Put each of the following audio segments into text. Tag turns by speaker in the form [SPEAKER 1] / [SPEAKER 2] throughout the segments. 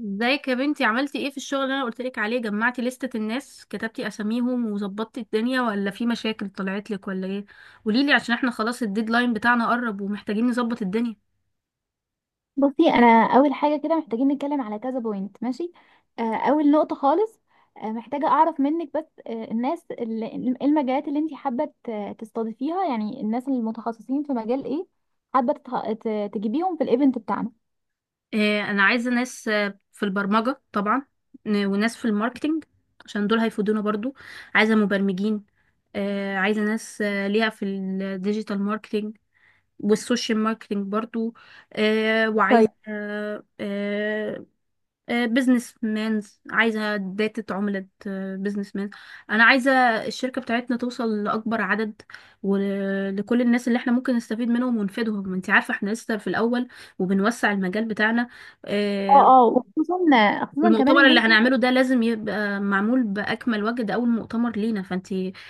[SPEAKER 1] ازيك يا بنتي؟ عملتي ايه في الشغل اللي انا قلتلك عليه؟ جمعتي لستة الناس، كتبتي اساميهم وظبطتي الدنيا، ولا في مشاكل طلعت لك ولا ايه؟ قوليلي عشان احنا خلاص الديدلاين بتاعنا قرب ومحتاجين نظبط الدنيا.
[SPEAKER 2] بصي، انا اول حاجه كده محتاجين نتكلم على كذا بوينت، ماشي؟ اول نقطه خالص. محتاجه اعرف منك بس، الناس اللي... إيه المجالات اللي انت حابه تستضيفيها؟ يعني الناس المتخصصين في مجال ايه حابه تجيبيهم في الايفنت بتاعنا؟
[SPEAKER 1] اه انا عايزة ناس في البرمجة طبعا، وناس في الماركتينج عشان دول هيفيدونا برضو. عايزة مبرمجين، اه عايزة ناس ليها في الديجيتال ماركتينج والسوشيال ماركتينج برضو. اه
[SPEAKER 2] طيب.
[SPEAKER 1] وعايزة بزنس مانز، عايزة داتا عملة بزنس مان. أنا عايزة الشركة بتاعتنا توصل لأكبر عدد، ولكل الناس اللي احنا ممكن نستفيد منهم ونفيدهم. انت عارفة احنا لسه في الأول وبنوسع المجال بتاعنا. آه،
[SPEAKER 2] اه، اه، وخصوصا خصوصا كمان
[SPEAKER 1] والمؤتمر
[SPEAKER 2] ان
[SPEAKER 1] اللي
[SPEAKER 2] انتوا...
[SPEAKER 1] هنعمله ده لازم يبقى معمول بأكمل وجه، ده أول مؤتمر لينا، فانت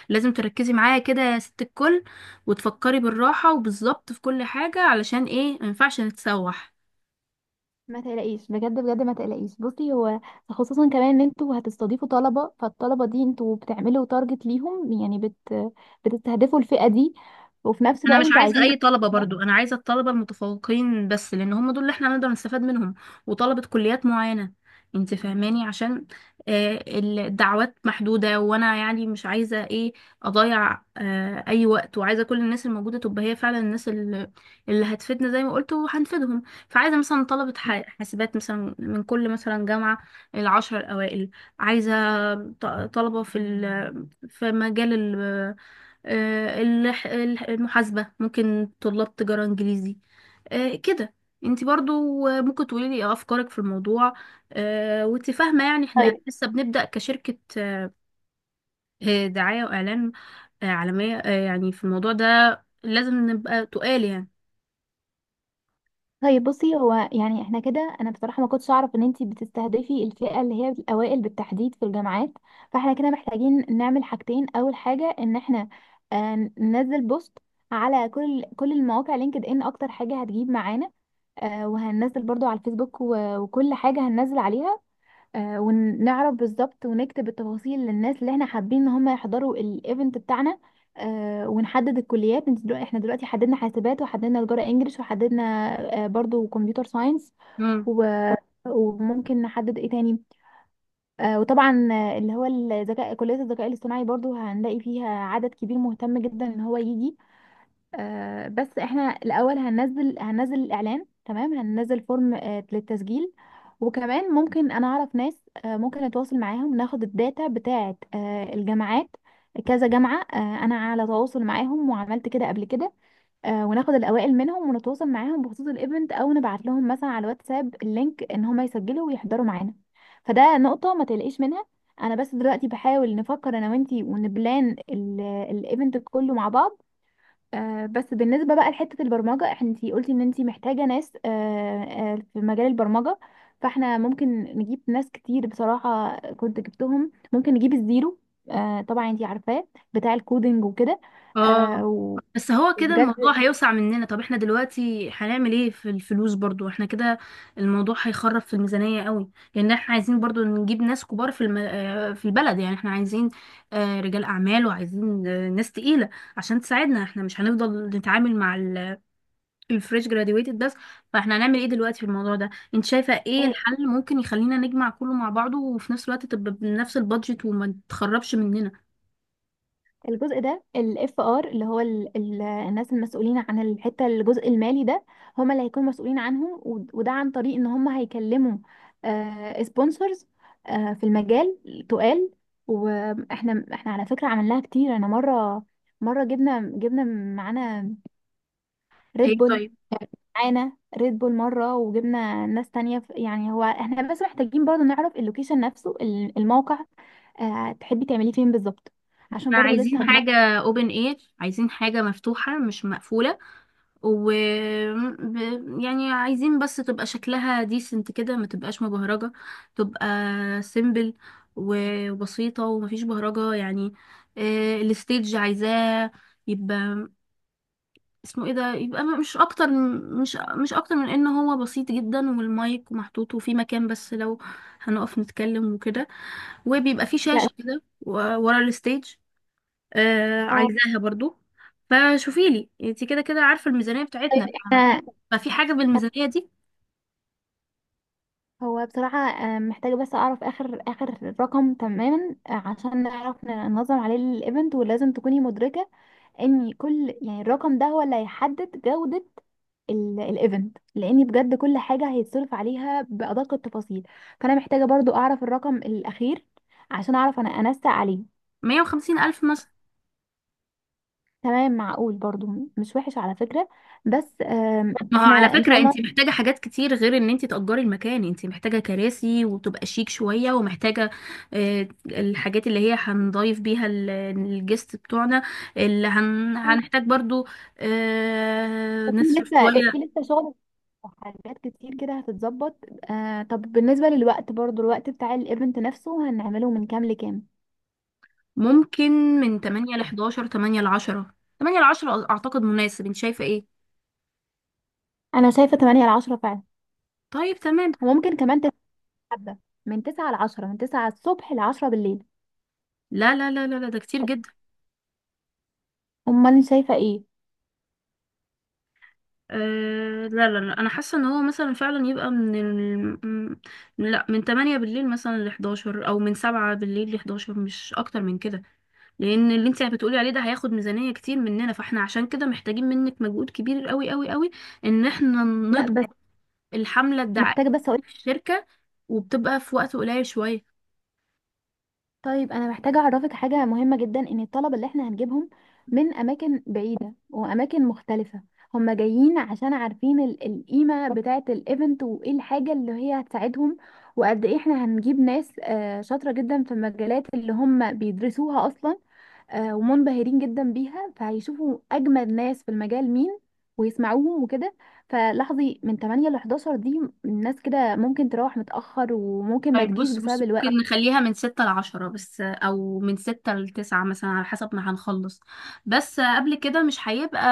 [SPEAKER 1] لازم تركزي معايا كده يا ست الكل، وتفكري بالراحة وبالظبط في كل حاجة، علشان ايه؟ مينفعش نتسوح.
[SPEAKER 2] ما تقلقيش، بجد بجد ما تقلقيش. بصي، هو خصوصا كمان ان انتوا هتستضيفوا طلبة، فالطلبة دي انتوا بتعملوا تارجت ليهم، يعني بتستهدفوا الفئة دي. وفي نفس
[SPEAKER 1] انا
[SPEAKER 2] الوقت
[SPEAKER 1] مش
[SPEAKER 2] انتوا
[SPEAKER 1] عايزه
[SPEAKER 2] عايزين
[SPEAKER 1] اي
[SPEAKER 2] تكسبوا
[SPEAKER 1] طلبه
[SPEAKER 2] ناس.
[SPEAKER 1] برضو، انا عايزه الطلبه المتفوقين بس، لان هم دول اللي احنا نقدر نستفاد منهم، وطلبه كليات معينه. انت فاهماني؟ عشان الدعوات محدوده، وانا يعني مش عايزه ايه اضيع اي وقت، وعايزه كل الناس الموجوده تبقى هي فعلا اللي هتفيدنا زي ما قلت وهنفيدهم. فعايزه مثلا طلبه حاسبات مثلا من كل مثلا جامعه، العشر الاوائل. عايزه ط- طلبه في مجال المحاسبة، ممكن طلاب تجارة انجليزي كده. انت برضو ممكن تقولي لي إيه افكارك في الموضوع؟ وانت فاهمة يعني احنا
[SPEAKER 2] طيب،
[SPEAKER 1] لسه بنبدأ كشركة دعاية واعلان عالمية، يعني في الموضوع ده لازم نبقى تقال
[SPEAKER 2] طيب. بصي، هو يعني احنا كده، انا بصراحه ما كنتش اعرف ان انتي بتستهدفي الفئه اللي هي الاوائل بالتحديد في الجامعات. فاحنا كده محتاجين نعمل حاجتين. اول حاجه، ان احنا ننزل بوست على كل المواقع. لينكد ان اكتر حاجه هتجيب معانا، وهننزل برضو على الفيسبوك، وكل حاجه هننزل عليها. ونعرف بالظبط ونكتب التفاصيل للناس اللي احنا حابين ان هم يحضروا الايفنت بتاعنا. ونحدد الكليات. انت دلوقتي... احنا دلوقتي حددنا حاسبات، وحددنا تجارة انجليش، وحددنا برضو كمبيوتر ساينس
[SPEAKER 1] يعني.
[SPEAKER 2] و... وممكن نحدد ايه تاني. وطبعا اللي هو الذكاء... كلية الذكاء الاصطناعي برضو هنلاقي فيها عدد كبير مهتم جدا ان هو يجي. بس احنا الاول هننزل الاعلان، تمام. هننزل فورم للتسجيل. وكمان ممكن انا اعرف ناس ممكن اتواصل معاهم ناخد الداتا بتاعه الجامعات. كذا جامعة، انا على تواصل معاهم وعملت كده قبل كده. وناخد الاوائل منهم ونتواصل معاهم بخصوص الايفنت، او نبعت لهم مثلا على الواتساب اللينك، ان هم يسجلوا ويحضروا معانا. فده نقطة ما تقلقيش منها. انا بس دلوقتي بحاول نفكر انا وانتي، ونبلان الايفنت كله مع بعض. بس بالنسبة بقى لحتة البرمجة، انتي قلتي ان انتي محتاجة ناس في مجال البرمجة. فاحنا ممكن نجيب ناس كتير. بصراحة كنت جبتهم، ممكن نجيب الزيرو، طبعا انتي عارفاه، بتاع الكودينج وكده.
[SPEAKER 1] اه
[SPEAKER 2] آه، و-
[SPEAKER 1] بس هو كده
[SPEAKER 2] وبجد
[SPEAKER 1] الموضوع هيوسع مننا. طب احنا دلوقتي هنعمل ايه في الفلوس برضو؟ احنا كده الموضوع هيخرب في الميزانية قوي، لان احنا عايزين برضو نجيب ناس كبار في الم... آه، في البلد، يعني احنا عايزين رجال اعمال، وعايزين ناس تقيلة عشان تساعدنا. احنا مش هنفضل نتعامل مع الفريش جراديويتد بس. فاحنا هنعمل ايه دلوقتي في الموضوع ده؟ انت شايفة ايه الحل ممكن يخلينا نجمع كله مع بعضه، وفي نفس الوقت تبقى بنفس البادجت وما تخربش مننا؟
[SPEAKER 2] الجزء ده، الاف ار، اللي هو ال ال الناس المسؤولين عن الحته... الجزء المالي ده هم اللي هيكونوا مسؤولين عنهم. وده عن طريق ان هم هيكلموا سبونسرز في المجال تقال. واحنا على فكره عملناها كتير. انا مره جبنا معانا ريد
[SPEAKER 1] ايه
[SPEAKER 2] بول.
[SPEAKER 1] طيب.
[SPEAKER 2] معانا ريد بول مره، وجبنا ناس تانية يعني هو احنا بس محتاجين برضو نعرف اللوكيشن نفسه، الموقع. تحبي تعملي فين بالظبط؟ عشان
[SPEAKER 1] احنا
[SPEAKER 2] برضو لسه
[SPEAKER 1] عايزين حاجة open air، عايزين حاجة مفتوحة مش مقفولة، و يعني عايزين بس تبقى شكلها decent كده، ما تبقاش مبهرجة، تبقى simple وبسيطة ومفيش بهرجة يعني. الستيج عايزاه يبقى اسمه ايه ده، يبقى مش اكتر، مش مش اكتر من ان هو بسيط جدا، والمايك محطوط وفي مكان بس لو هنقف نتكلم وكده، وبيبقى في شاشة كده ورا الستيج، آه
[SPEAKER 2] هنناقش.
[SPEAKER 1] عايزاها برضو. فشوفي لي انت، كده كده عارفة الميزانية
[SPEAKER 2] طيب،
[SPEAKER 1] بتاعتنا،
[SPEAKER 2] احنا...
[SPEAKER 1] ففي حاجة بالميزانية دي؟
[SPEAKER 2] هو بصراحة محتاجة بس أعرف آخر آخر رقم تماما، عشان نعرف ننظم عليه الإيفنت. ولازم تكوني مدركة إن كل... يعني الرقم ده هو اللي هيحدد جودة الإيفنت، لأن بجد كل حاجة هيتصرف عليها بأدق التفاصيل. فأنا محتاجة برضو أعرف الرقم الأخير عشان أعرف أنا أنسق عليه.
[SPEAKER 1] 150 ألف مثلا.
[SPEAKER 2] تمام، معقول برضو، مش وحش على فكرة. بس
[SPEAKER 1] ما هو
[SPEAKER 2] احنا
[SPEAKER 1] على
[SPEAKER 2] إن شاء
[SPEAKER 1] فكرة انت
[SPEAKER 2] الله...
[SPEAKER 1] محتاجة حاجات كتير غير ان انت تأجري المكان، انت محتاجة كراسي وتبقى شيك شوية، ومحتاجة الحاجات اللي هي هنضيف بيها الجست بتوعنا، اللي هنحتاج برضو نصرف
[SPEAKER 2] في
[SPEAKER 1] شوية.
[SPEAKER 2] لسه شغل، حاجات كتير كده هتتظبط. آه، طب بالنسبة للوقت برضو، الوقت بتاع الايفنت نفسه، هنعمله من كام لكام؟
[SPEAKER 1] ممكن من 8 ل 10 أعتقد مناسب، انت شايفة ايه؟
[SPEAKER 2] انا شايفة 8 ل 10 فعلا.
[SPEAKER 1] طيب تمام.
[SPEAKER 2] وممكن كمان تتحدى من 9 ل 10، من 9 الصبح ل 10 بالليل.
[SPEAKER 1] لا، ده كتير جدا.
[SPEAKER 2] امال انت شايفة ايه؟
[SPEAKER 1] آه لا لا لا، انا حاسه ان هو مثلا فعلا يبقى لا من 8 بالليل مثلا ل 11، او من 7 بالليل ل 11، مش اكتر من كده. لان اللي انت بتقولي عليه ده هياخد ميزانيه كتير مننا، فاحنا عشان كده محتاجين منك مجهود كبير قوي، ان احنا
[SPEAKER 2] لا،
[SPEAKER 1] نضغط
[SPEAKER 2] بس
[SPEAKER 1] الحمله
[SPEAKER 2] محتاجة
[SPEAKER 1] الدعائيه
[SPEAKER 2] بس...
[SPEAKER 1] في الشركه، وبتبقى في وقت قليل شويه.
[SPEAKER 2] طيب، انا محتاجه اعرفك حاجه مهمه جدا، ان الطلبه اللي احنا هنجيبهم من اماكن بعيده واماكن مختلفه، هم جايين عشان عارفين القيمه بتاعه الايفنت، وايه الحاجه اللي هي هتساعدهم. وقد ايه احنا هنجيب ناس شاطره جدا في المجالات اللي هم بيدرسوها اصلا. ومنبهرين جدا بيها، فهيشوفوا اجمد ناس في المجال مين، ويسمعوهم وكده. فلاحظي، من 8 ل 11 دي، الناس كده ممكن تروح متأخر، وممكن ما
[SPEAKER 1] طيب
[SPEAKER 2] تجيش
[SPEAKER 1] بص
[SPEAKER 2] بسبب
[SPEAKER 1] بص ممكن
[SPEAKER 2] الوقت.
[SPEAKER 1] نخليها من 6 ل 10 بس، أو من 6 ل 9 مثلا، على حسب ما هنخلص. بس قبل كده مش هيبقى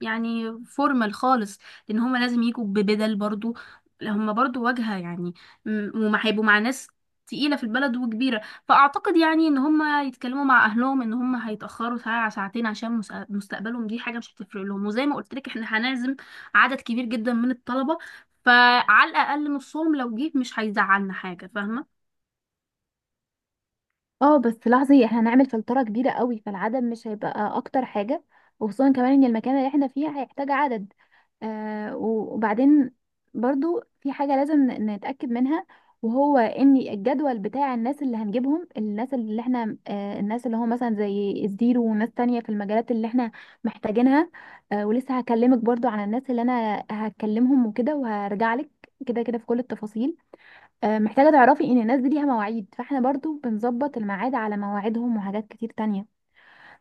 [SPEAKER 1] يعني فورمال خالص، لأن هما لازم يجوا ببدل برضو، هما برضو واجهة يعني، وما هيبقوا مع ناس تقيلة في البلد وكبيرة. فأعتقد يعني إن هما يتكلموا مع أهلهم إن هما هيتأخروا ساعة ساعتين، عشان مستقبلهم. دي حاجة مش هتفرق لهم، وزي ما قلت لك إحنا هنعزم عدد كبير جدا من الطلبة، فعلى الاقل نصهم لو جه مش هيزعلنا حاجه، فاهمه؟
[SPEAKER 2] اه، بس لاحظي احنا هنعمل فلترة كبيرة قوي، فالعدد مش هيبقى اكتر حاجة. وخصوصا كمان ان المكان اللي احنا فيه هيحتاج عدد. وبعدين برضو في حاجة لازم نتأكد منها. وهو ان الجدول بتاع الناس اللي هنجيبهم، الناس اللي احنا... الناس اللي هو مثلا زي الزيرو، وناس تانية في المجالات اللي احنا محتاجينها. ولسه هكلمك برضو عن الناس اللي انا هكلمهم وكده، وهرجع لك كده كده في كل التفاصيل. محتاجة تعرفي ان الناس دي ليها مواعيد، فاحنا برضو بنظبط الميعاد على مواعيدهم، وحاجات كتير تانية.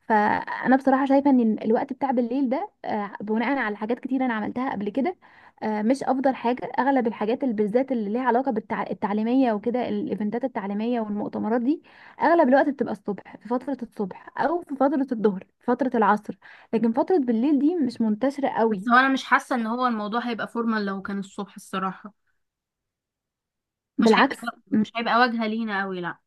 [SPEAKER 2] فانا بصراحة شايفة ان الوقت بتاع بالليل ده، بناء على حاجات كتير انا عملتها قبل كده، مش افضل حاجة. اغلب الحاجات، اللي بالذات اللي ليها علاقة بالتعليمية وكده، الايفنتات التعليمية والمؤتمرات دي، اغلب الوقت بتبقى الصبح، في فترة الصبح او في فترة الظهر، في فترة العصر. لكن فترة بالليل دي مش منتشرة
[SPEAKER 1] بس
[SPEAKER 2] قوي.
[SPEAKER 1] هو انا مش حاسه ان هو الموضوع هيبقى فورمال لو كان الصبح الصراحه،
[SPEAKER 2] بالعكس.
[SPEAKER 1] مش هيبقى واجهه لينا قوي، لا.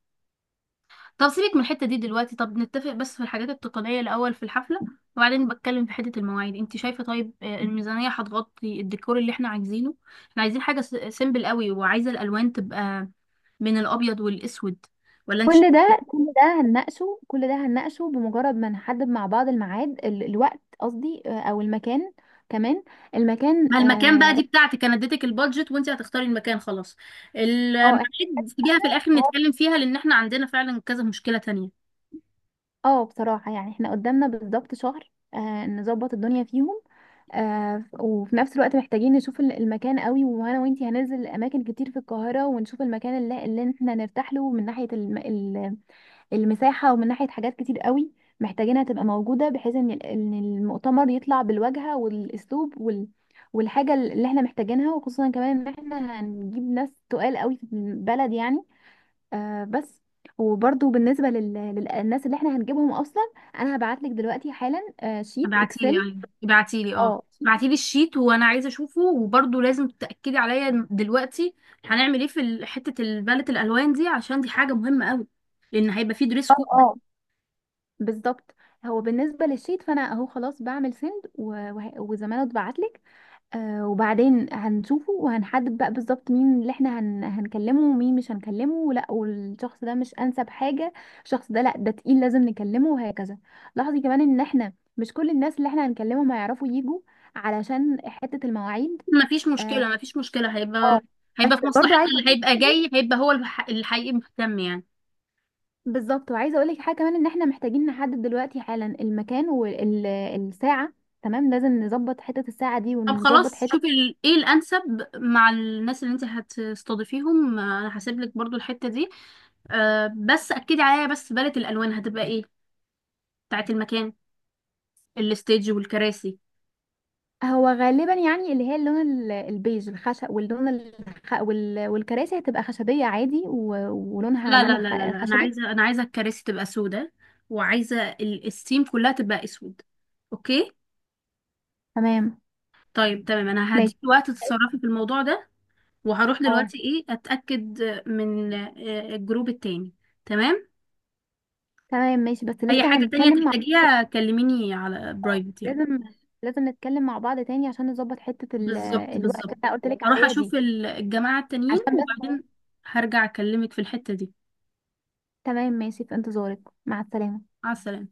[SPEAKER 1] طب سيبك من الحته دي دلوقتي، طب نتفق بس في الحاجات التقنيه الاول في الحفله، وبعدين بتكلم في حته المواعيد انت شايفه. طيب الميزانيه هتغطي الديكور اللي احنا عايزينه؟ احنا عايزين حاجه سيمبل قوي، وعايزه الالوان تبقى من الابيض والاسود، ولا انت؟
[SPEAKER 2] كل ده هنناقشه، بمجرد ما نحدد مع بعض الميعاد، الوقت قصدي، او المكان كمان. المكان،
[SPEAKER 1] ما المكان بقى
[SPEAKER 2] اه.
[SPEAKER 1] دي بتاعتك، انا اديتك البادجت وانت هتختاري المكان خلاص.
[SPEAKER 2] آه،
[SPEAKER 1] الميعاد سيبيها
[SPEAKER 2] احنا
[SPEAKER 1] في الاخر
[SPEAKER 2] اه
[SPEAKER 1] نتكلم فيها، لان احنا عندنا فعلا كذا مشكلة تانية.
[SPEAKER 2] بصراحة يعني احنا قدامنا بالظبط شهر نظبط الدنيا فيهم. وفي نفس الوقت محتاجين نشوف المكان قوي، وانا وانتي هننزل اماكن كتير في القاهرة، ونشوف المكان اللي احنا نرتاح له، من ناحية المساحة، ومن ناحية حاجات كتير قوي محتاجينها تبقى موجودة، بحيث ان إن المؤتمر يطلع بالواجهة والاسلوب والحاجة اللي احنا محتاجينها. وخصوصا كمان ان احنا هنجيب ناس تقال قوي في البلد يعني. بس. وبرضو بالنسبة للناس اللي احنا هنجيبهم اصلا، انا هبعتلك دلوقتي حالا شيت
[SPEAKER 1] ابعتيلي،
[SPEAKER 2] اكسل.
[SPEAKER 1] ايوه ابعتيلي، اه
[SPEAKER 2] اه،
[SPEAKER 1] ابعتيلي الشيت وانا عايزه اشوفه. وبرضه لازم تاكدي عليا دلوقتي هنعمل ايه في حته البالت الالوان دي، عشان دي حاجه مهمه قوي، لان هيبقى في دريس
[SPEAKER 2] اه،
[SPEAKER 1] كود.
[SPEAKER 2] اه، بالظبط. هو بالنسبة للشيت، فانا اهو خلاص بعمل سند وزمانه اتبعتلك. وبعدين هنشوفه، وهنحدد بقى بالظبط مين اللي احنا هنكلمه ومين مش هنكلمه، لا والشخص ده مش انسب حاجة، الشخص ده لا ده تقيل لازم نكلمه، وهكذا. لاحظي كمان ان احنا مش كل الناس اللي احنا هنكلمهم هيعرفوا يجوا، علشان حتة المواعيد. اه.
[SPEAKER 1] مفيش مشكله، هيبقى،
[SPEAKER 2] آه. بس
[SPEAKER 1] هيبقى في
[SPEAKER 2] برضو
[SPEAKER 1] مصلحتنا،
[SPEAKER 2] عايزة
[SPEAKER 1] اللي
[SPEAKER 2] أقول لك
[SPEAKER 1] هيبقى
[SPEAKER 2] حاجة.
[SPEAKER 1] جاي هيبقى هو الحقيقي مهتم يعني.
[SPEAKER 2] بالظبط. وعايزة اقول لك حاجة كمان، ان احنا محتاجين نحدد دلوقتي حالا المكان والساعة. تمام، لازم نظبط حتة الساعة دي،
[SPEAKER 1] طب
[SPEAKER 2] ونظبط
[SPEAKER 1] خلاص
[SPEAKER 2] حتة...
[SPEAKER 1] شوفي ايه الانسب مع الناس اللي انت هتستضيفيهم، انا هسيب لك برضو الحته دي. أه بس اكدي عليا بس، باليت الالوان هتبقى ايه بتاعت المكان، الستيج والكراسي؟
[SPEAKER 2] هو غالبا يعني اللي هي اللون البيج الخشب، واللون والكراسي هتبقى خشبية عادي ولونها
[SPEAKER 1] لا
[SPEAKER 2] لون
[SPEAKER 1] لا لا لا لا انا
[SPEAKER 2] الخشبي.
[SPEAKER 1] عايزه، انا عايزه الكراسي تبقى سودة، وعايزه السيم كلها تبقى اسود، اوكي؟
[SPEAKER 2] تمام،
[SPEAKER 1] طيب تمام انا
[SPEAKER 2] ماشي.
[SPEAKER 1] هديكي وقت تتصرفي في الموضوع ده، وهروح
[SPEAKER 2] اه.
[SPEAKER 1] دلوقتي ايه اتاكد من الجروب التاني. تمام.
[SPEAKER 2] تمام، ماشي، بس
[SPEAKER 1] اي
[SPEAKER 2] لسه
[SPEAKER 1] حاجه تانية
[SPEAKER 2] هنتكلم مع...
[SPEAKER 1] تحتاجيها كلميني على
[SPEAKER 2] آه،
[SPEAKER 1] برايفت يعني.
[SPEAKER 2] لازم لازم نتكلم مع بعض تاني، عشان نظبط حتة
[SPEAKER 1] بالظبط
[SPEAKER 2] الوقت
[SPEAKER 1] بالظبط.
[SPEAKER 2] اللي انا قلت لك
[SPEAKER 1] هروح
[SPEAKER 2] عليها
[SPEAKER 1] اشوف
[SPEAKER 2] دي،
[SPEAKER 1] الجماعة التانيين،
[SPEAKER 2] عشان بس.
[SPEAKER 1] وبعدين هرجع اكلمك في الحتة دي.
[SPEAKER 2] تمام، ماشي، في انتظارك. مع السلامة.
[SPEAKER 1] مع السلامة.